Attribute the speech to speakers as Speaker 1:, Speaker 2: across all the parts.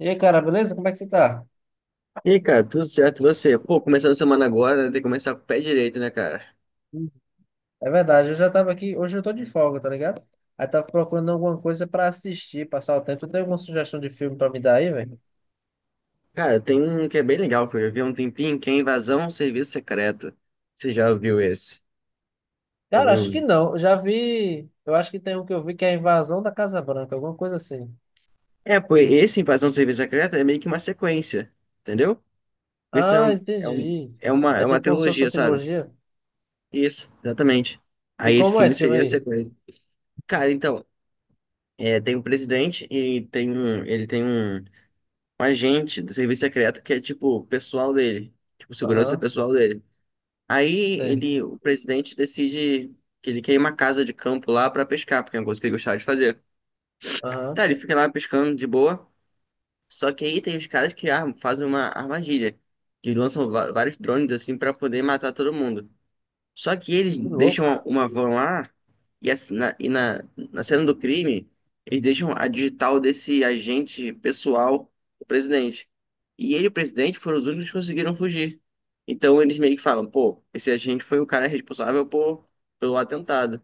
Speaker 1: E aí, cara, beleza? Como é que você tá?
Speaker 2: E aí, cara, tudo certo, e você? Pô, começando a semana agora, né? Tem que começar com o pé direito, né, cara?
Speaker 1: Hum. É verdade, eu já tava aqui, hoje eu tô de folga, tá ligado? Aí tava procurando alguma coisa pra assistir, passar o tempo. Tu tem alguma sugestão de filme pra me dar aí, velho?
Speaker 2: Cara, tem um que é bem legal que eu já vi há um tempinho, que é Invasão ao Serviço Secreto. Você já viu esse? Já
Speaker 1: Cara, acho que
Speaker 2: viu?
Speaker 1: não. Eu já vi. Eu acho que tem um que eu vi que é a Invasão da Casa Branca, alguma coisa assim.
Speaker 2: Pô, esse Invasão ao Serviço Secreto é meio que uma sequência, entendeu? Esse é,
Speaker 1: Ah,
Speaker 2: um, é, um-
Speaker 1: entendi. É
Speaker 2: é uma
Speaker 1: tipo como se fosse
Speaker 2: trilogia,
Speaker 1: uma
Speaker 2: sabe?
Speaker 1: trilogia.
Speaker 2: Isso, exatamente.
Speaker 1: E
Speaker 2: Aí esse
Speaker 1: como é
Speaker 2: filme
Speaker 1: esse filme
Speaker 2: seria a
Speaker 1: aí?
Speaker 2: sequência. Cara, então, tem um presidente e ele tem um agente do serviço secreto que é, tipo, o pessoal dele. Tipo, segurança
Speaker 1: Aham,
Speaker 2: pessoal dele. Aí
Speaker 1: sei.
Speaker 2: ele, o presidente decide que ele quer ir uma casa de campo lá pra pescar, porque é uma coisa que ele gostava de fazer.
Speaker 1: Aham.
Speaker 2: Tá, ele fica lá pescando de boa, só que aí tem os caras que fazem uma armadilha, que lançam vários drones assim pra poder matar todo mundo. Só que eles
Speaker 1: Que louco.
Speaker 2: deixam uma van lá e, assim, na cena do crime, eles deixam a digital desse agente pessoal do presidente. E ele e o presidente foram os únicos que conseguiram fugir. Então eles meio que falam, pô, esse agente foi o cara responsável pelo atentado.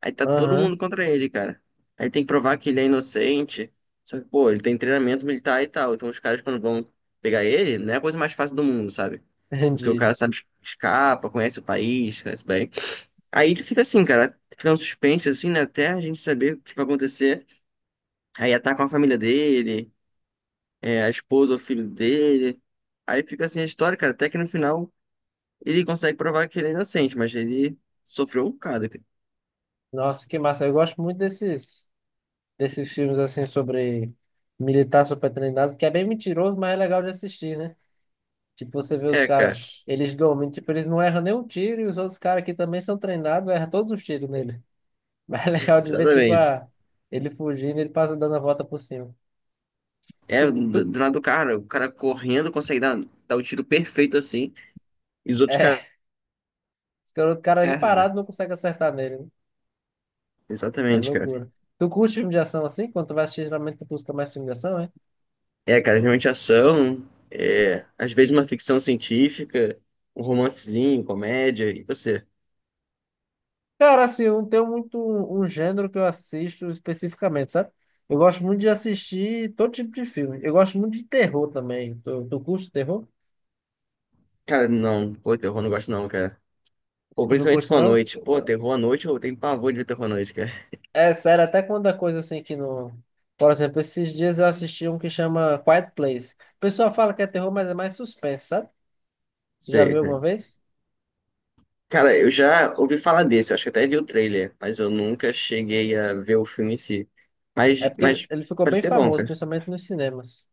Speaker 2: Aí tá todo
Speaker 1: Aham,
Speaker 2: mundo contra ele, cara. Aí tem que provar que ele é inocente. Só que, pô, ele tem treinamento militar e tal. Então os caras, quando vão pegar ele, não é a coisa mais fácil do mundo, sabe? Porque o
Speaker 1: entendi.
Speaker 2: cara sabe, escapa, conhece o país, conhece bem. Aí ele fica assim, cara, fica um suspense, assim, né? Até a gente saber o que vai acontecer. Aí atacam a família dele, a esposa, o filho dele. Aí fica assim a história, cara. Até que no final ele consegue provar que ele é inocente, mas ele sofreu um bocado, cara.
Speaker 1: Nossa, que massa. Eu gosto muito desses filmes assim sobre militar supertreinado que é bem mentiroso, mas é legal de assistir, né? Tipo, você vê os
Speaker 2: É, cara,
Speaker 1: caras, eles dormem, tipo, eles não erram nenhum tiro e os outros caras que também são treinados erram todos os tiros nele. Mas é legal de ver, tipo,
Speaker 2: exatamente.
Speaker 1: ele fugindo, ele passa dando a volta por cima. Tu,
Speaker 2: É,
Speaker 1: tu,
Speaker 2: do lado do cara, o cara correndo consegue dar o tiro perfeito assim, e os outros
Speaker 1: é,
Speaker 2: caras
Speaker 1: esse cara, o cara, ele
Speaker 2: erram, né?
Speaker 1: parado não consegue acertar nele, né? É
Speaker 2: Exatamente, cara.
Speaker 1: loucura. Tu curte filme de ação assim? Quando tu vai assistir, geralmente tu busca mais filme de ação, é?
Speaker 2: É, cara, realmente ação, às vezes uma ficção científica, um romancezinho, comédia, e você?
Speaker 1: Cara, assim, eu não tenho muito um gênero que eu assisto especificamente, sabe? Eu gosto muito de assistir todo tipo de filme. Eu gosto muito de terror também. Tu curte terror?
Speaker 2: Cara, não, pô, terror não gosto não, cara. Ou
Speaker 1: Não
Speaker 2: principalmente se
Speaker 1: curte,
Speaker 2: for à
Speaker 1: não?
Speaker 2: noite. Pô, terror à noite, eu tenho pavor de ver terror à noite, cara.
Speaker 1: É sério, até quando é coisa assim que não. Por exemplo, esses dias eu assisti um que chama Quiet Place. O pessoal fala que é terror, mas é mais suspense, sabe? Já
Speaker 2: Sei,
Speaker 1: viu alguma
Speaker 2: né?
Speaker 1: vez?
Speaker 2: Cara, eu já ouvi falar desse, eu acho que até vi o trailer, mas eu nunca cheguei a ver o filme em si.
Speaker 1: É
Speaker 2: Mas,
Speaker 1: porque ele,
Speaker 2: mas
Speaker 1: ele ficou bem
Speaker 2: parecia bom,
Speaker 1: famoso,
Speaker 2: cara.
Speaker 1: principalmente nos cinemas.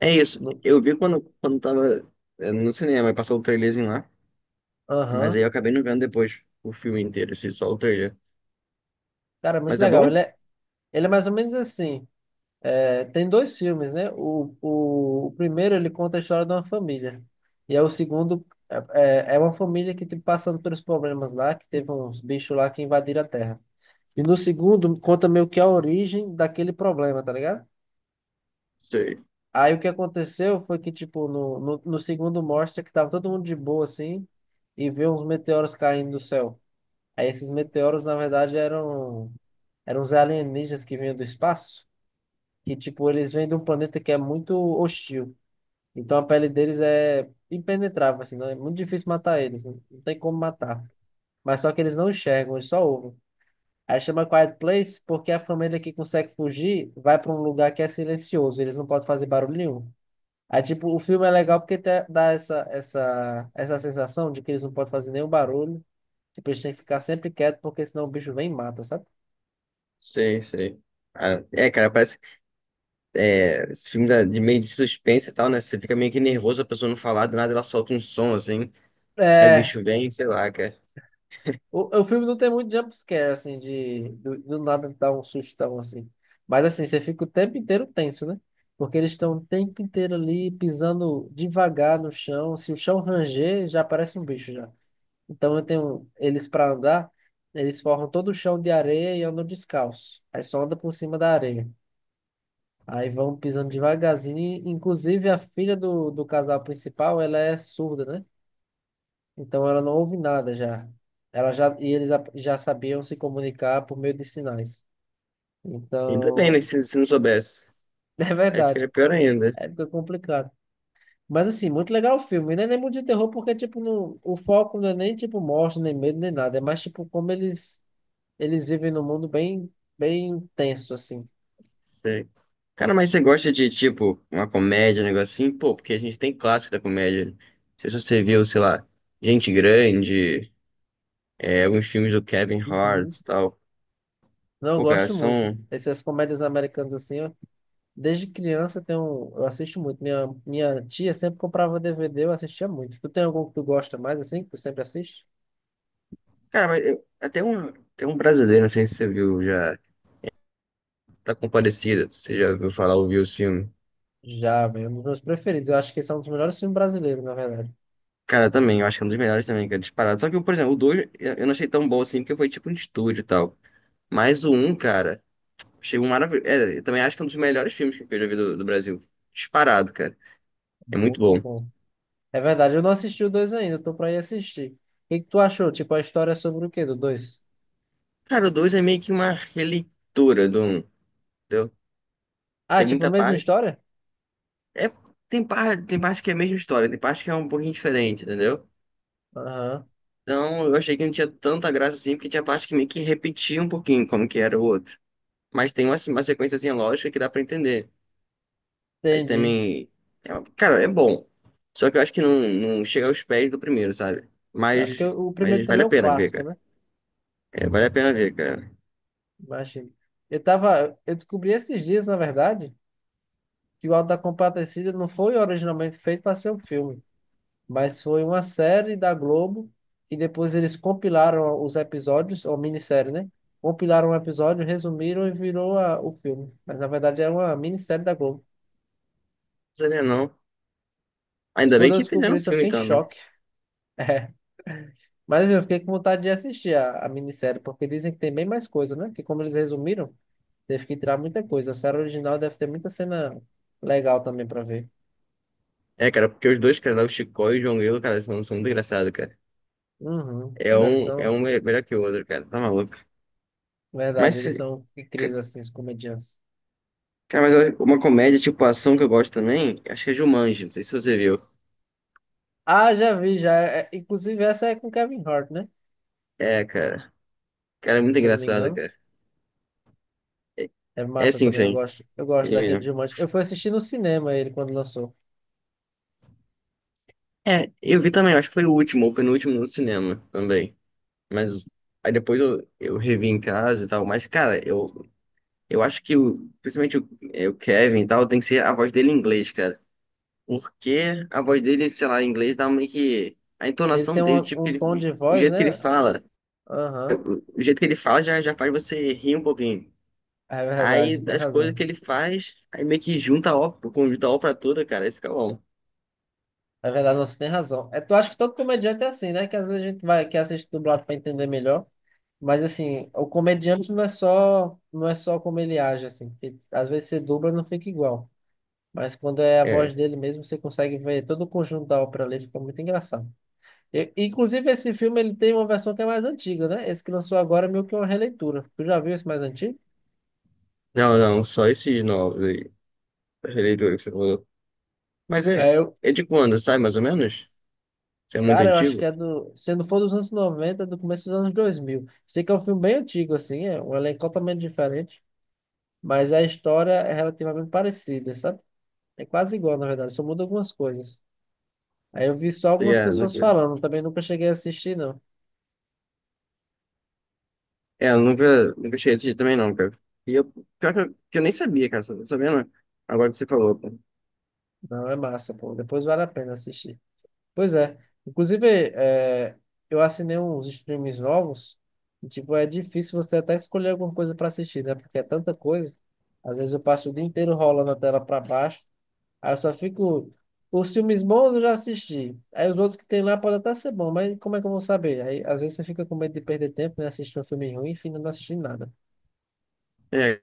Speaker 2: É isso.
Speaker 1: No-
Speaker 2: Eu vi quando tava no cinema, e passou o trailerzinho lá. Mas
Speaker 1: Aham.
Speaker 2: aí eu acabei não vendo depois o filme inteiro, assim, só o trailer.
Speaker 1: Cara, é muito
Speaker 2: Mas é bom?
Speaker 1: legal. Ele é mais ou menos assim. É, tem dois filmes, né? O primeiro ele conta a história de uma família. E aí o segundo é uma família que tipo, passando pelos problemas lá, que teve uns bichos lá que invadiram a Terra. E no segundo conta meio que a origem daquele problema, tá ligado?
Speaker 2: Sei,
Speaker 1: Aí o que aconteceu foi que, tipo, no segundo mostra que tava todo mundo de boa, assim, e vê uns meteoros caindo do céu. Aí esses meteoros, na verdade, eram uns alienígenas que vinham do espaço, que, tipo, eles vêm de um planeta que é muito hostil. Então a pele deles é impenetrável, assim, não é muito difícil matar eles, não não tem como matar. Mas só que eles não enxergam, eles só ouvem. Aí chama Quiet Place porque a família que consegue fugir vai para um lugar que é silencioso, eles não podem fazer barulho nenhum. Aí, tipo, o filme é legal porque dá essa sensação de que eles não podem fazer nenhum barulho, tipo, eles têm que ficar sempre quietos porque senão o bicho vem e mata, sabe?
Speaker 2: sei, sei. Ah, é, cara, parece. É, esse filme de meio de suspense e tal, né? Você fica meio que nervoso, a pessoa não falar, do nada ela solta um som assim. Aí o
Speaker 1: É,
Speaker 2: bicho vem, sei lá, cara.
Speaker 1: O, o filme não tem muito jumpscare, assim, do nada dar um sustão, assim. Mas, assim, você fica o tempo inteiro tenso, né? Porque eles estão o tempo inteiro ali pisando devagar no chão. Se o chão ranger, já aparece um bicho já. Então, eu tenho eles para andar, eles formam todo o chão de areia e andam descalço. Aí só anda por cima da areia. Aí vão pisando devagarzinho. Inclusive, a filha do casal principal, ela é surda, né? Então ela não ouve nada já. Ela já e eles já sabiam se comunicar por meio de sinais.
Speaker 2: Ainda bem, né?
Speaker 1: Então,
Speaker 2: Se não soubesse.
Speaker 1: é
Speaker 2: Aí ficaria
Speaker 1: verdade.
Speaker 2: pior ainda.
Speaker 1: Aí fica complicado. Mas assim, muito legal o filme. E não é nem muito de terror porque tipo não, o foco não é nem tipo morte, nem medo, nem nada. É mais tipo como eles eles vivem num mundo bem bem tenso assim.
Speaker 2: Sei. Cara, mas você gosta de, tipo, uma comédia, um negócio assim? Pô, porque a gente tem clássico da comédia. Não sei se você viu, sei lá, Gente Grande, alguns filmes do Kevin
Speaker 1: Uhum.
Speaker 2: Hart e tal.
Speaker 1: Não, eu
Speaker 2: Pô, cara,
Speaker 1: gosto muito.
Speaker 2: são...
Speaker 1: Essas comédias americanas assim, desde criança eu assisto muito. Minha tia sempre comprava DVD, eu assistia muito. Tu tem algum que tu gosta mais, assim, que tu sempre assiste?
Speaker 2: Cara, até um brasileiro, não sei se você viu já, Tá Compadecida, se você já ouviu falar, ouviu os filmes.
Speaker 1: Já, velho, um dos meus preferidos. Eu acho que esse é um dos melhores filmes brasileiros, na verdade.
Speaker 2: Cara, também, eu acho que é um dos melhores também, cara, disparado. Só que, por exemplo, o 2 eu não achei tão bom assim, porque foi tipo um estúdio e tal. Mas o um, cara, achei um maravilhoso. É, eu também acho que é um dos melhores filmes que eu já vi do Brasil. Disparado, cara. É muito
Speaker 1: Muito
Speaker 2: bom.
Speaker 1: bom. É verdade, eu não assisti o dois ainda, eu tô pra ir assistir. O que que tu achou? Tipo, a história é sobre o quê do dois?
Speaker 2: Cara, o 2 é meio que uma releitura do um. Entendeu?
Speaker 1: Ah,
Speaker 2: Tem
Speaker 1: tipo, a
Speaker 2: muita
Speaker 1: mesma
Speaker 2: parte.
Speaker 1: história?
Speaker 2: É, tem parte que é a mesma história, tem parte que é um pouquinho diferente, entendeu?
Speaker 1: Aham,
Speaker 2: Então eu achei que não tinha tanta graça assim, porque tinha parte que meio que repetia um pouquinho como que era o outro. Mas tem uma sequênciazinha lógica que dá pra entender. Aí
Speaker 1: entendi.
Speaker 2: também cara, é bom. Só que eu acho que não, não chega aos pés do primeiro, sabe?
Speaker 1: É porque
Speaker 2: Mas,
Speaker 1: o primeiro
Speaker 2: mas vale
Speaker 1: também
Speaker 2: a
Speaker 1: é um
Speaker 2: pena ver,
Speaker 1: clássico,
Speaker 2: cara.
Speaker 1: né?
Speaker 2: É, vale a pena ver, cara. Não
Speaker 1: Imagina. Eu tava, eu descobri esses dias, na verdade, que o Auto da Compadecida não foi originalmente feito para ser um filme, mas foi uma série da Globo e depois eles compilaram os episódios, ou minissérie, né? Compilaram um episódio, resumiram e virou o filme. Mas na verdade era uma minissérie da Globo.
Speaker 2: sabia não. Ainda bem
Speaker 1: Quando eu
Speaker 2: que
Speaker 1: descobri
Speaker 2: fizeram um
Speaker 1: isso, eu
Speaker 2: filme
Speaker 1: fiquei em
Speaker 2: então, né?
Speaker 1: choque. É. Mas eu fiquei com vontade de assistir a minissérie, porque dizem que tem bem mais coisa, né? Que como eles resumiram, teve que tirar muita coisa. A série original deve ter muita cena legal também para ver.
Speaker 2: É, cara, porque os dois, cara, lá, o Chicó e o João Grilo, cara, são muito engraçados, cara.
Speaker 1: Uhum. Não, eles são,
Speaker 2: Melhor que o outro, cara, tá maluco. Mas,
Speaker 1: verdade, eles
Speaker 2: se-
Speaker 1: são
Speaker 2: ca-
Speaker 1: incríveis assim, os comediantes.
Speaker 2: cara, uma comédia tipo ação que eu gosto também, acho que é Jumanji, não sei se você viu.
Speaker 1: Ah, já vi, já. É, inclusive, essa é com Kevin Hart, né?
Speaker 2: É, cara, cara, é muito
Speaker 1: Se eu não me
Speaker 2: engraçado,
Speaker 1: engano.
Speaker 2: cara. É,
Speaker 1: É
Speaker 2: é
Speaker 1: massa
Speaker 2: sim,
Speaker 1: também, eu
Speaker 2: sim,
Speaker 1: gosto. Eu gosto
Speaker 2: ele
Speaker 1: daquele de
Speaker 2: mesmo.
Speaker 1: Jumanji. Eu fui assistir no cinema ele quando lançou.
Speaker 2: É, eu vi também, acho que foi o último, ou penúltimo no cinema também. Mas aí depois eu revi em casa e tal, mas, cara, eu acho que principalmente o Kevin e tal, tem que ser a voz dele em inglês, cara. Porque a voz dele, sei lá, em inglês dá meio que. A
Speaker 1: Ele
Speaker 2: entonação
Speaker 1: tem um,
Speaker 2: dele, tipo,
Speaker 1: um
Speaker 2: ele,
Speaker 1: tom de
Speaker 2: o
Speaker 1: voz,
Speaker 2: jeito que ele
Speaker 1: né?
Speaker 2: fala.
Speaker 1: Aham.
Speaker 2: O jeito que ele fala já faz você rir um pouquinho.
Speaker 1: É verdade, você
Speaker 2: Aí
Speaker 1: tem
Speaker 2: as coisas que
Speaker 1: razão.
Speaker 2: ele faz, aí meio que junta a ópera, conjunta a ópera toda, cara, aí fica bom.
Speaker 1: É verdade, não, você tem razão. É, tu acha que todo comediante é assim, né? Que às vezes a gente vai, que assiste dublado pra entender melhor. Mas assim, o comediante não é só como ele age, assim. Porque às vezes você dubla não fica igual. Mas quando é a
Speaker 2: É.
Speaker 1: voz dele mesmo, você consegue ver todo o conjunto da ópera ali, fica muito engraçado. Inclusive, esse filme ele tem uma versão que é mais antiga, né? Esse que lançou agora é meio que uma releitura. Tu já viu esse mais antigo?
Speaker 2: Não, só esses novos aí, as leituras que você falou. Mas é,
Speaker 1: É, eu...
Speaker 2: é de quando, sabe, mais ou menos? Isso é muito
Speaker 1: Cara, eu acho que
Speaker 2: antigo?
Speaker 1: é do. Se não for dos anos 90 é do começo dos anos 2000. Sei que é um filme bem antigo, assim, é um elenco totalmente diferente, mas a história é relativamente parecida, sabe? É quase igual, na verdade, só muda algumas coisas. Aí eu vi só
Speaker 2: Você
Speaker 1: algumas
Speaker 2: já-
Speaker 1: pessoas
Speaker 2: nunca-
Speaker 1: falando, também nunca cheguei a assistir, não.
Speaker 2: É, eu nunca cheguei a assistir também não, cara. E eu, pior que eu nem sabia, cara, sabia não. Agora que você falou, cara.
Speaker 1: Não, é massa, pô. Depois vale a pena assistir. Pois é. Inclusive, é, eu assinei uns streams novos. E, tipo, é difícil você até escolher alguma coisa para assistir, né? Porque é tanta coisa. Às vezes eu passo o dia inteiro rolando a tela para baixo. Aí eu só fico. Os filmes bons eu já assisti. Aí os outros que tem lá podem até ser bons, mas como é que eu vou saber? Aí às vezes você fica com medo de perder tempo, né? Assistir um filme ruim e finda não assistindo nada.
Speaker 2: É,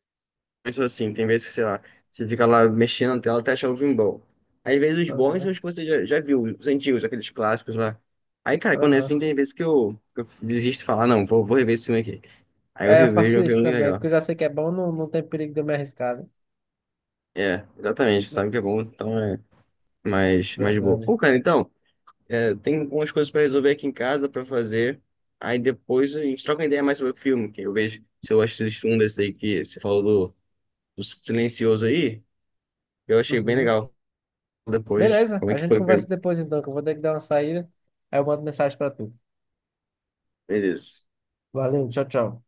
Speaker 2: são assim, tem vezes que, sei lá, você fica lá mexendo na tela até achar o filme bom. Aí, às vezes os bons são
Speaker 1: Aham,
Speaker 2: os que você já viu, os antigos, aqueles clássicos lá. Aí, cara, quando é
Speaker 1: aham.
Speaker 2: assim, tem vezes que eu desisto de falar, não, vou rever esse filme aqui. Aí eu
Speaker 1: É, eu
Speaker 2: revejo
Speaker 1: faço
Speaker 2: um
Speaker 1: isso
Speaker 2: filme
Speaker 1: também, porque
Speaker 2: legal.
Speaker 1: eu já sei que é bom, não, não tem perigo de eu me arriscar, né?
Speaker 2: É, exatamente,
Speaker 1: Não,
Speaker 2: sabe que é bom, então é mais, mais de boa.
Speaker 1: verdade.
Speaker 2: Pô, cara, então, tem algumas coisas pra resolver aqui em casa, pra fazer. Aí depois a gente troca uma ideia mais sobre o filme, que eu vejo se eu assisto um desse aí que você falou do Silencioso aí, eu achei bem
Speaker 1: Uhum.
Speaker 2: legal depois,
Speaker 1: Beleza,
Speaker 2: como é
Speaker 1: a
Speaker 2: que
Speaker 1: gente
Speaker 2: foi.
Speaker 1: conversa depois então, que eu vou ter que dar uma saída. Aí eu mando mensagem pra tu.
Speaker 2: Beleza.
Speaker 1: Valeu, tchau, tchau.